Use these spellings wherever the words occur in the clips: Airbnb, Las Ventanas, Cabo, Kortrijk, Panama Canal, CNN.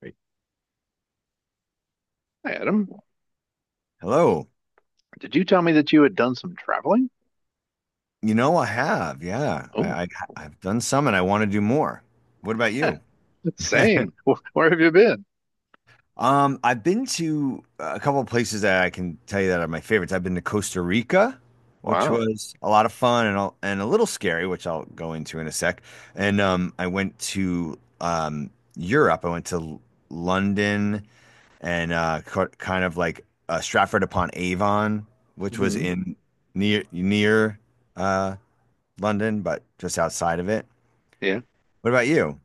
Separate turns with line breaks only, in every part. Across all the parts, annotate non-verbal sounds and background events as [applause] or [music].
Great.
Hi, Adam.
Hello.
Did you tell me that you had done some traveling?
You know, I have. Yeah,
Oh,
I've done some, and I want to do more. What about you?
[laughs] same.
[laughs]
Where have you been?
I've been to a couple of places that I can tell you that are my favorites. I've been to Costa Rica, which
Wow.
was a lot of fun and a little scary, which I'll go into in a sec. And I went to Europe. I went to L- London and kind of like Stratford upon Avon, which was
Hmm.
in near uh, London, but just outside of it.
Yeah.
What about you?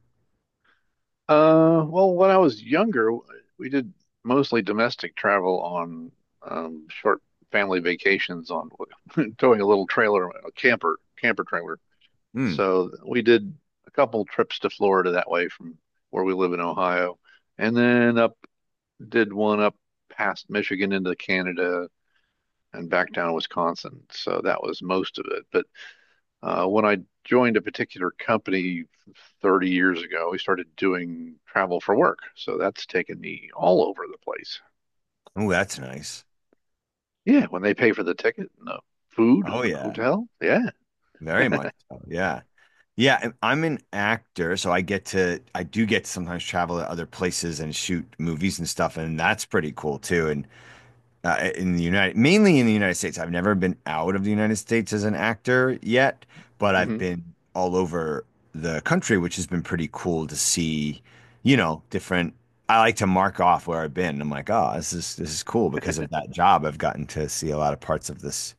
Well, when I was younger, we did mostly domestic travel on short family vacations on [laughs] towing a little trailer, a camper trailer.
Hmm.
So we did a couple trips to Florida that way from where we live in Ohio, and then up did one up past Michigan into Canada and back down to Wisconsin. So that was most of it. But when I joined a particular company 30 years ago, we started doing travel for work. So that's taken me all over the place.
Oh, that's nice.
Yeah, when they pay for the ticket and the food and
Oh
the
yeah,
hotel. Yeah.
very much so. Yeah. Yeah, and I'm an actor, so I do get to sometimes travel to other places and shoot movies and stuff, and that's pretty cool too. And mainly in the United States. I've never been out of the United States as an actor yet, but I've
Hmm,
been all over the country, which has been pretty cool to see, you know, different. I like to mark off where I've been. I'm like, oh, this is cool because of that job. I've gotten to see a lot of parts of this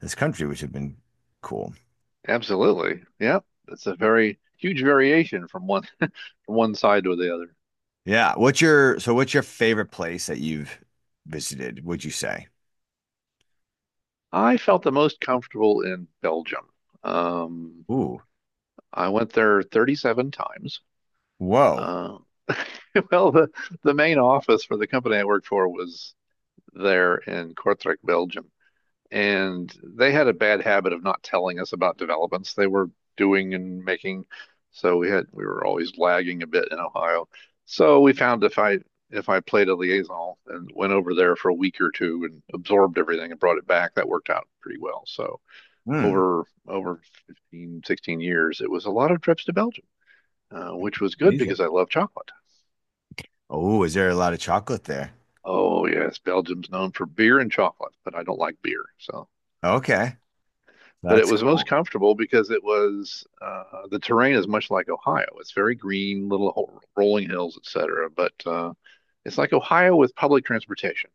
this country, which have been cool.
absolutely. Yeah, that's a very huge variation from one [laughs] from one side to the other.
Yeah. What's your so what's your favorite place that you've visited, would you say?
I felt the most comfortable in Belgium. Um,
Ooh.
I went there 37 times.
Whoa.
Uh, [laughs] well, the main office for the company I worked for was there in Kortrijk, Belgium. And they had a bad habit of not telling us about developments they were doing and making. So we were always lagging a bit in Ohio. So we found if I played a liaison and went over there for a week or two and absorbed everything and brought it back, that worked out pretty well. So
Hmm.
over 15, 16 years, it was a lot of trips to Belgium, which was good because
Amazing.
I love chocolate.
Oh, is there a lot of chocolate there?
Oh, yes, Belgium's known for beer and chocolate, but I don't like beer.
Okay.
But it
That's
was most
cool.
comfortable because it was the terrain is much like Ohio. It's very green, little rolling hills, etc. But it's like Ohio with public transportation,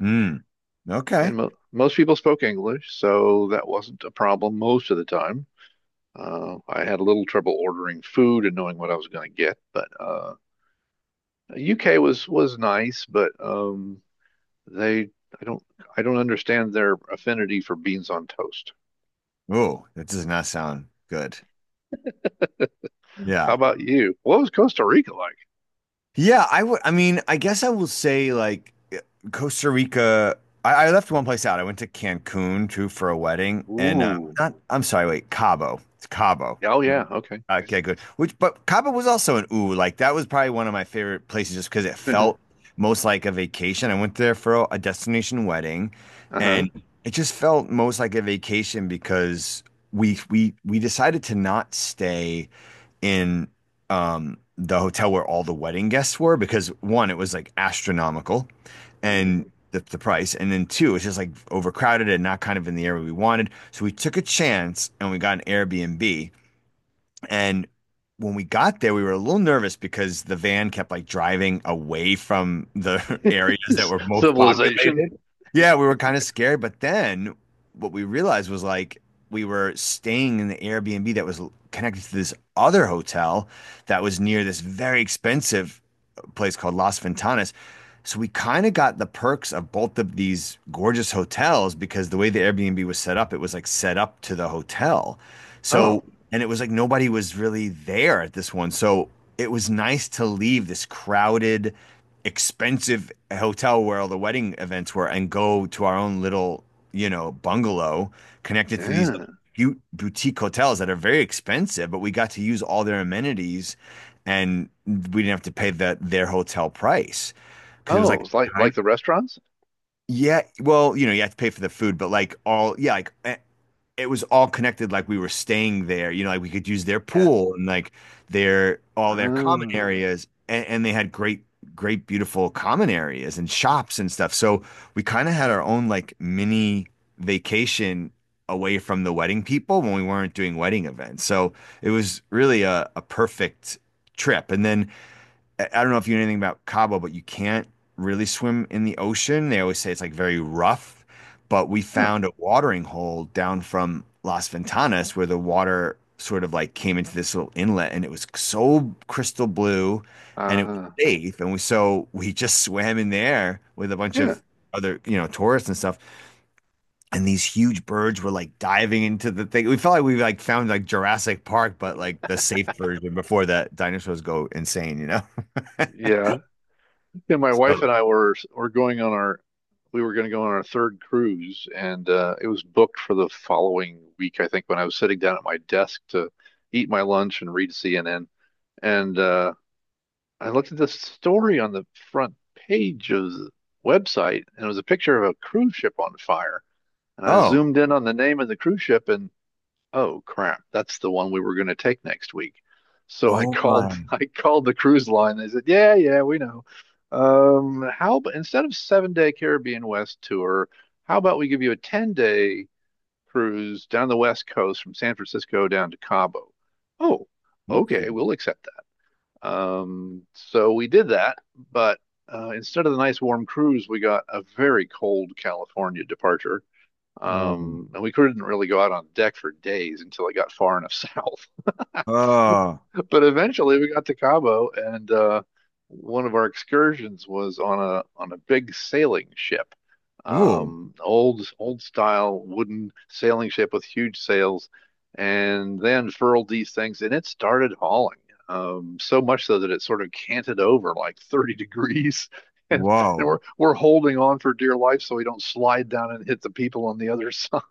Mm, okay.
and mo most people spoke English, so that wasn't a problem most of the time. I had a little trouble ordering food and knowing what I was going to get, but UK was nice, but They, I don't, I don't understand their affinity for beans on toast.
Oh, that does not sound good.
How
Yeah.
about you? What was Costa Rica like?
Yeah, I would I mean, I guess I will say like Costa Rica. I left one place out. I went to Cancun too for a wedding and
Ooh.
not I'm sorry, wait, Cabo. It's Cabo.
Oh yeah. Okay.
Okay, good. Which, but Cabo was also an ooh. Like that was probably one of my favorite places, just because it felt
[laughs]
most like a vacation. I went there for a destination wedding,
Uh-huh.
and it just felt most like a vacation because we decided to not stay in the hotel where all the wedding guests were because one, it was like astronomical, and
Mhm.
the price, and then two, it's just like overcrowded and not kind of in the area we wanted. So we took a chance and we got an Airbnb and when we got there, we were a little nervous because the van kept like driving away from the [laughs] areas that
It's
were
[laughs]
most
civilization.
populated. Yeah, we were kind of scared. But then what we realized was like we were staying in the Airbnb that was connected to this other hotel that was near this very expensive place called Las Ventanas. So we kind of got the perks of both of these gorgeous hotels because the way the Airbnb was set up, it was like set up to the hotel. So
Oh
and it was like nobody was really there at this one. So it was nice to leave this crowded, expensive hotel where all the wedding events were and go to our own little, you know, bungalow connected to these
yeah.
boutique hotels that are very expensive, but we got to use all their amenities and we didn't have to pay their hotel price because it was
Oh,
like
it's like
time.
like the restaurants.
Yeah, well, you know, you have to pay for the food, but like all, yeah, it was all connected like we were staying there you know like we could use their
Yeah.
pool and like their all their common
Ah.
areas, and they had great beautiful common areas and shops and stuff, so we kind of had our own like mini vacation away from the wedding people when we weren't doing wedding events, so it was really a perfect trip. And then I don't know if you know anything about Cabo, but you can't really swim in the ocean. They always say it's like very rough, but we
Huh.
found a watering hole down from Las Ventanas where the water sort of like came into this little inlet and it was so crystal blue and it was
Ah.
safe. And so we [laughs] just swam in there with a bunch
Yeah.
of other, you know, tourists and stuff. And these huge birds were like diving into the thing. We felt like we like found like Jurassic Park, but like the safe version before that dinosaurs go insane, you know? [laughs]
Yeah. Yeah, my wife
So
and I were going on our we were going to go on our third cruise, and it was booked for the following week. I think when I was sitting down at my desk to eat my lunch and read CNN, and I looked at this story on the front page of the website, and it was a picture of a cruise ship on fire. And I
oh,
zoomed in on the name of the cruise ship, and oh crap, that's the one we were going to take next week. So I
oh my.
called [laughs] I called the cruise line. They said, yeah, yeah, we know. How about instead of 7-day Caribbean West tour, how about we give you a 10-day day cruise down the West Coast from San Francisco down to Cabo? Oh,
Ooh.
okay, we'll accept that. So we did that, but instead of the nice warm cruise, we got a very cold California departure.
Um,
And we couldn't really go out on deck for days until it got far enough [laughs] south,
uh,
but eventually we got to Cabo, and one of our excursions was on a big sailing ship,
ooh,
old style wooden sailing ship with huge sails, and they unfurled these things, and it started hauling. So much so that it sort of canted over like 30 degrees. [laughs] And, and
whoa.
we're holding on for dear life so we don't slide down and hit the people on the other side.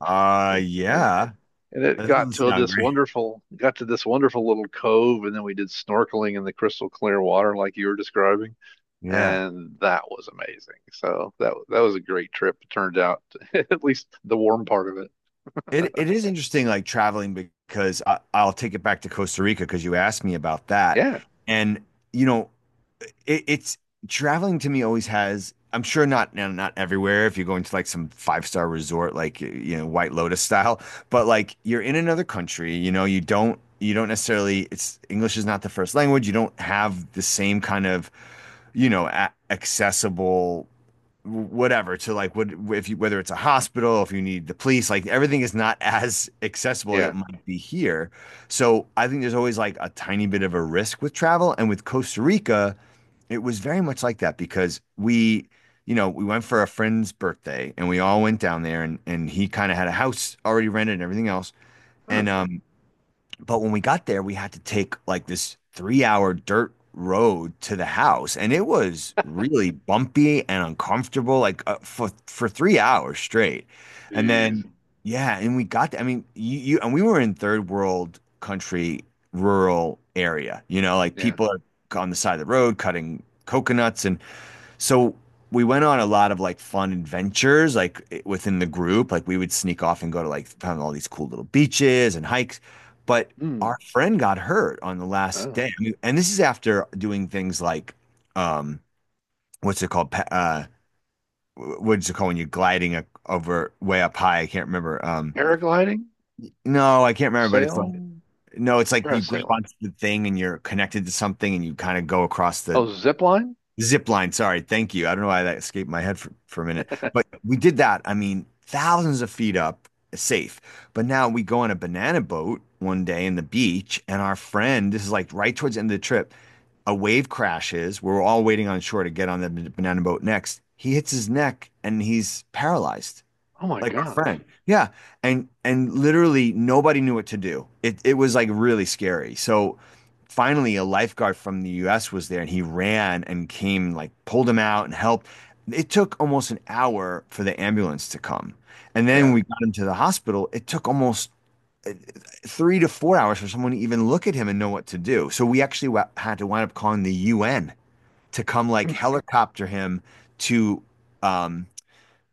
[laughs] And
Yeah.
and it
That
got
doesn't
to
sound
this
great. [laughs]
wonderful got to this wonderful little cove, and then we did snorkeling in the crystal clear water like you were describing,
Yeah.
and that was amazing, so that was a great trip, it turned out, [laughs] at least the warm part of it.
It is interesting, like traveling because I'll take it back to Costa Rica because you asked me about that.
Yeah.
And you know, it's traveling to me always has. I'm sure not everywhere, if you're going to like some five-star resort, like you know, white lotus style, but like you're in another country, you know, you don't necessarily, it's english is not the first language, you don't have the same kind of, you know, accessible whatever to like what if you, whether it's a hospital, if you need the police, like everything is not [laughs] as accessible as it
Yeah.
might be here. So I think there's always like a tiny bit of a risk with travel. And with Costa Rica it was very much like that because you know, we went for a friend's birthday and we all went down there, and he kind of had a house already rented and everything else.
Huh.
And But when we got there, we had to take like this 3 hour dirt road to the house, and it was really bumpy and uncomfortable, like for 3 hours straight. And
Jeez.
then, yeah, and we got there. I mean, you and we were in third world country, rural area. You know, like
Yeah.
people are on the side of the road cutting coconuts, and so we went on a lot of like fun adventures, like within the group. Like we would sneak off and go to like found all these cool little beaches and hikes. But
Hmm.
our friend got hurt on the last
Oh,
day. I mean, and this is after doing things like, um, what's it called? What's it called when you're gliding over way up high? I can't remember.
paragliding.
No, I can't remember, but it's
Sail.
like, no, it's like you grab
Parasailing.
onto the thing and you're connected to something and you kind of go across the
Oh, zip line.
Zip line, sorry, thank you. I don't know why that escaped my head for a minute, but we did that. I mean, thousands of feet up, safe. But now we go on a banana boat one day in the beach, and our friend, this is like right towards the end of the trip, a wave crashes. We're all waiting on shore to get on the banana boat next. He hits his neck and he's paralyzed
Oh my
like our
gosh.
friend. Yeah. And literally nobody knew what to do. It was like really scary. So finally a lifeguard from the US was there and he ran and came like pulled him out and helped. It took almost an hour for the ambulance to come. And then when
Yeah.
we got him to the hospital, it took almost uh, 3 to 4 hours for someone to even look at him and know what to do. So we actually had to wind up calling the UN to come like
[laughs]
helicopter him to um,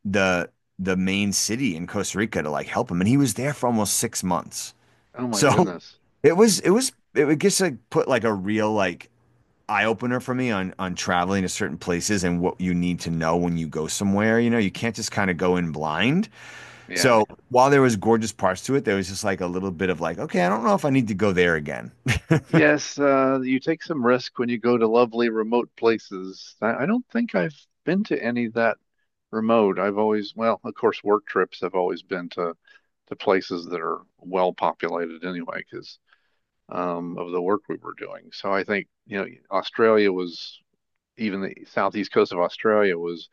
the the main city in Costa Rica to like help him, and he was there for almost 6 months. [laughs]
Oh my
So
goodness.
it was it would just like put like a real like eye opener for me on traveling to certain places and what you need to know when you go somewhere. You know, you can't just kind of go in blind.
Yeah.
So while there was gorgeous parts to it, there was just like a little bit of like, okay, I don't know if I need to go there again. [laughs]
Yes, you take some risk when you go to lovely remote places. I don't think I've been to any that remote. I've always, well, of course, work trips have always been to places that are well populated anyway, because of the work we were doing. So I think, Australia was even the southeast coast of Australia was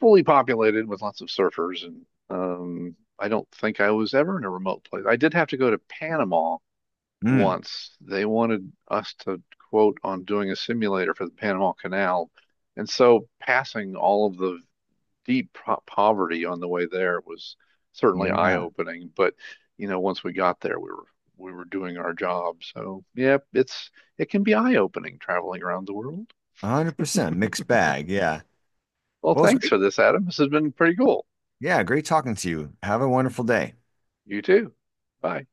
fully populated with lots of surfers, and I don't think I was ever in a remote place. I did have to go to Panama
Mm,
once. They wanted us to quote on doing a simulator for the Panama Canal. And so passing all of the deep poverty on the way there was certainly
yeah,
eye-opening. But, once we got there, we were doing our job. So, yeah, it can be eye-opening traveling around the world.
100% mixed bag. Yeah.
Well,
Well, it's
thanks
great.
for this, Adam. This has been pretty cool.
Yeah, great talking to you. Have a wonderful day.
You too. Bye.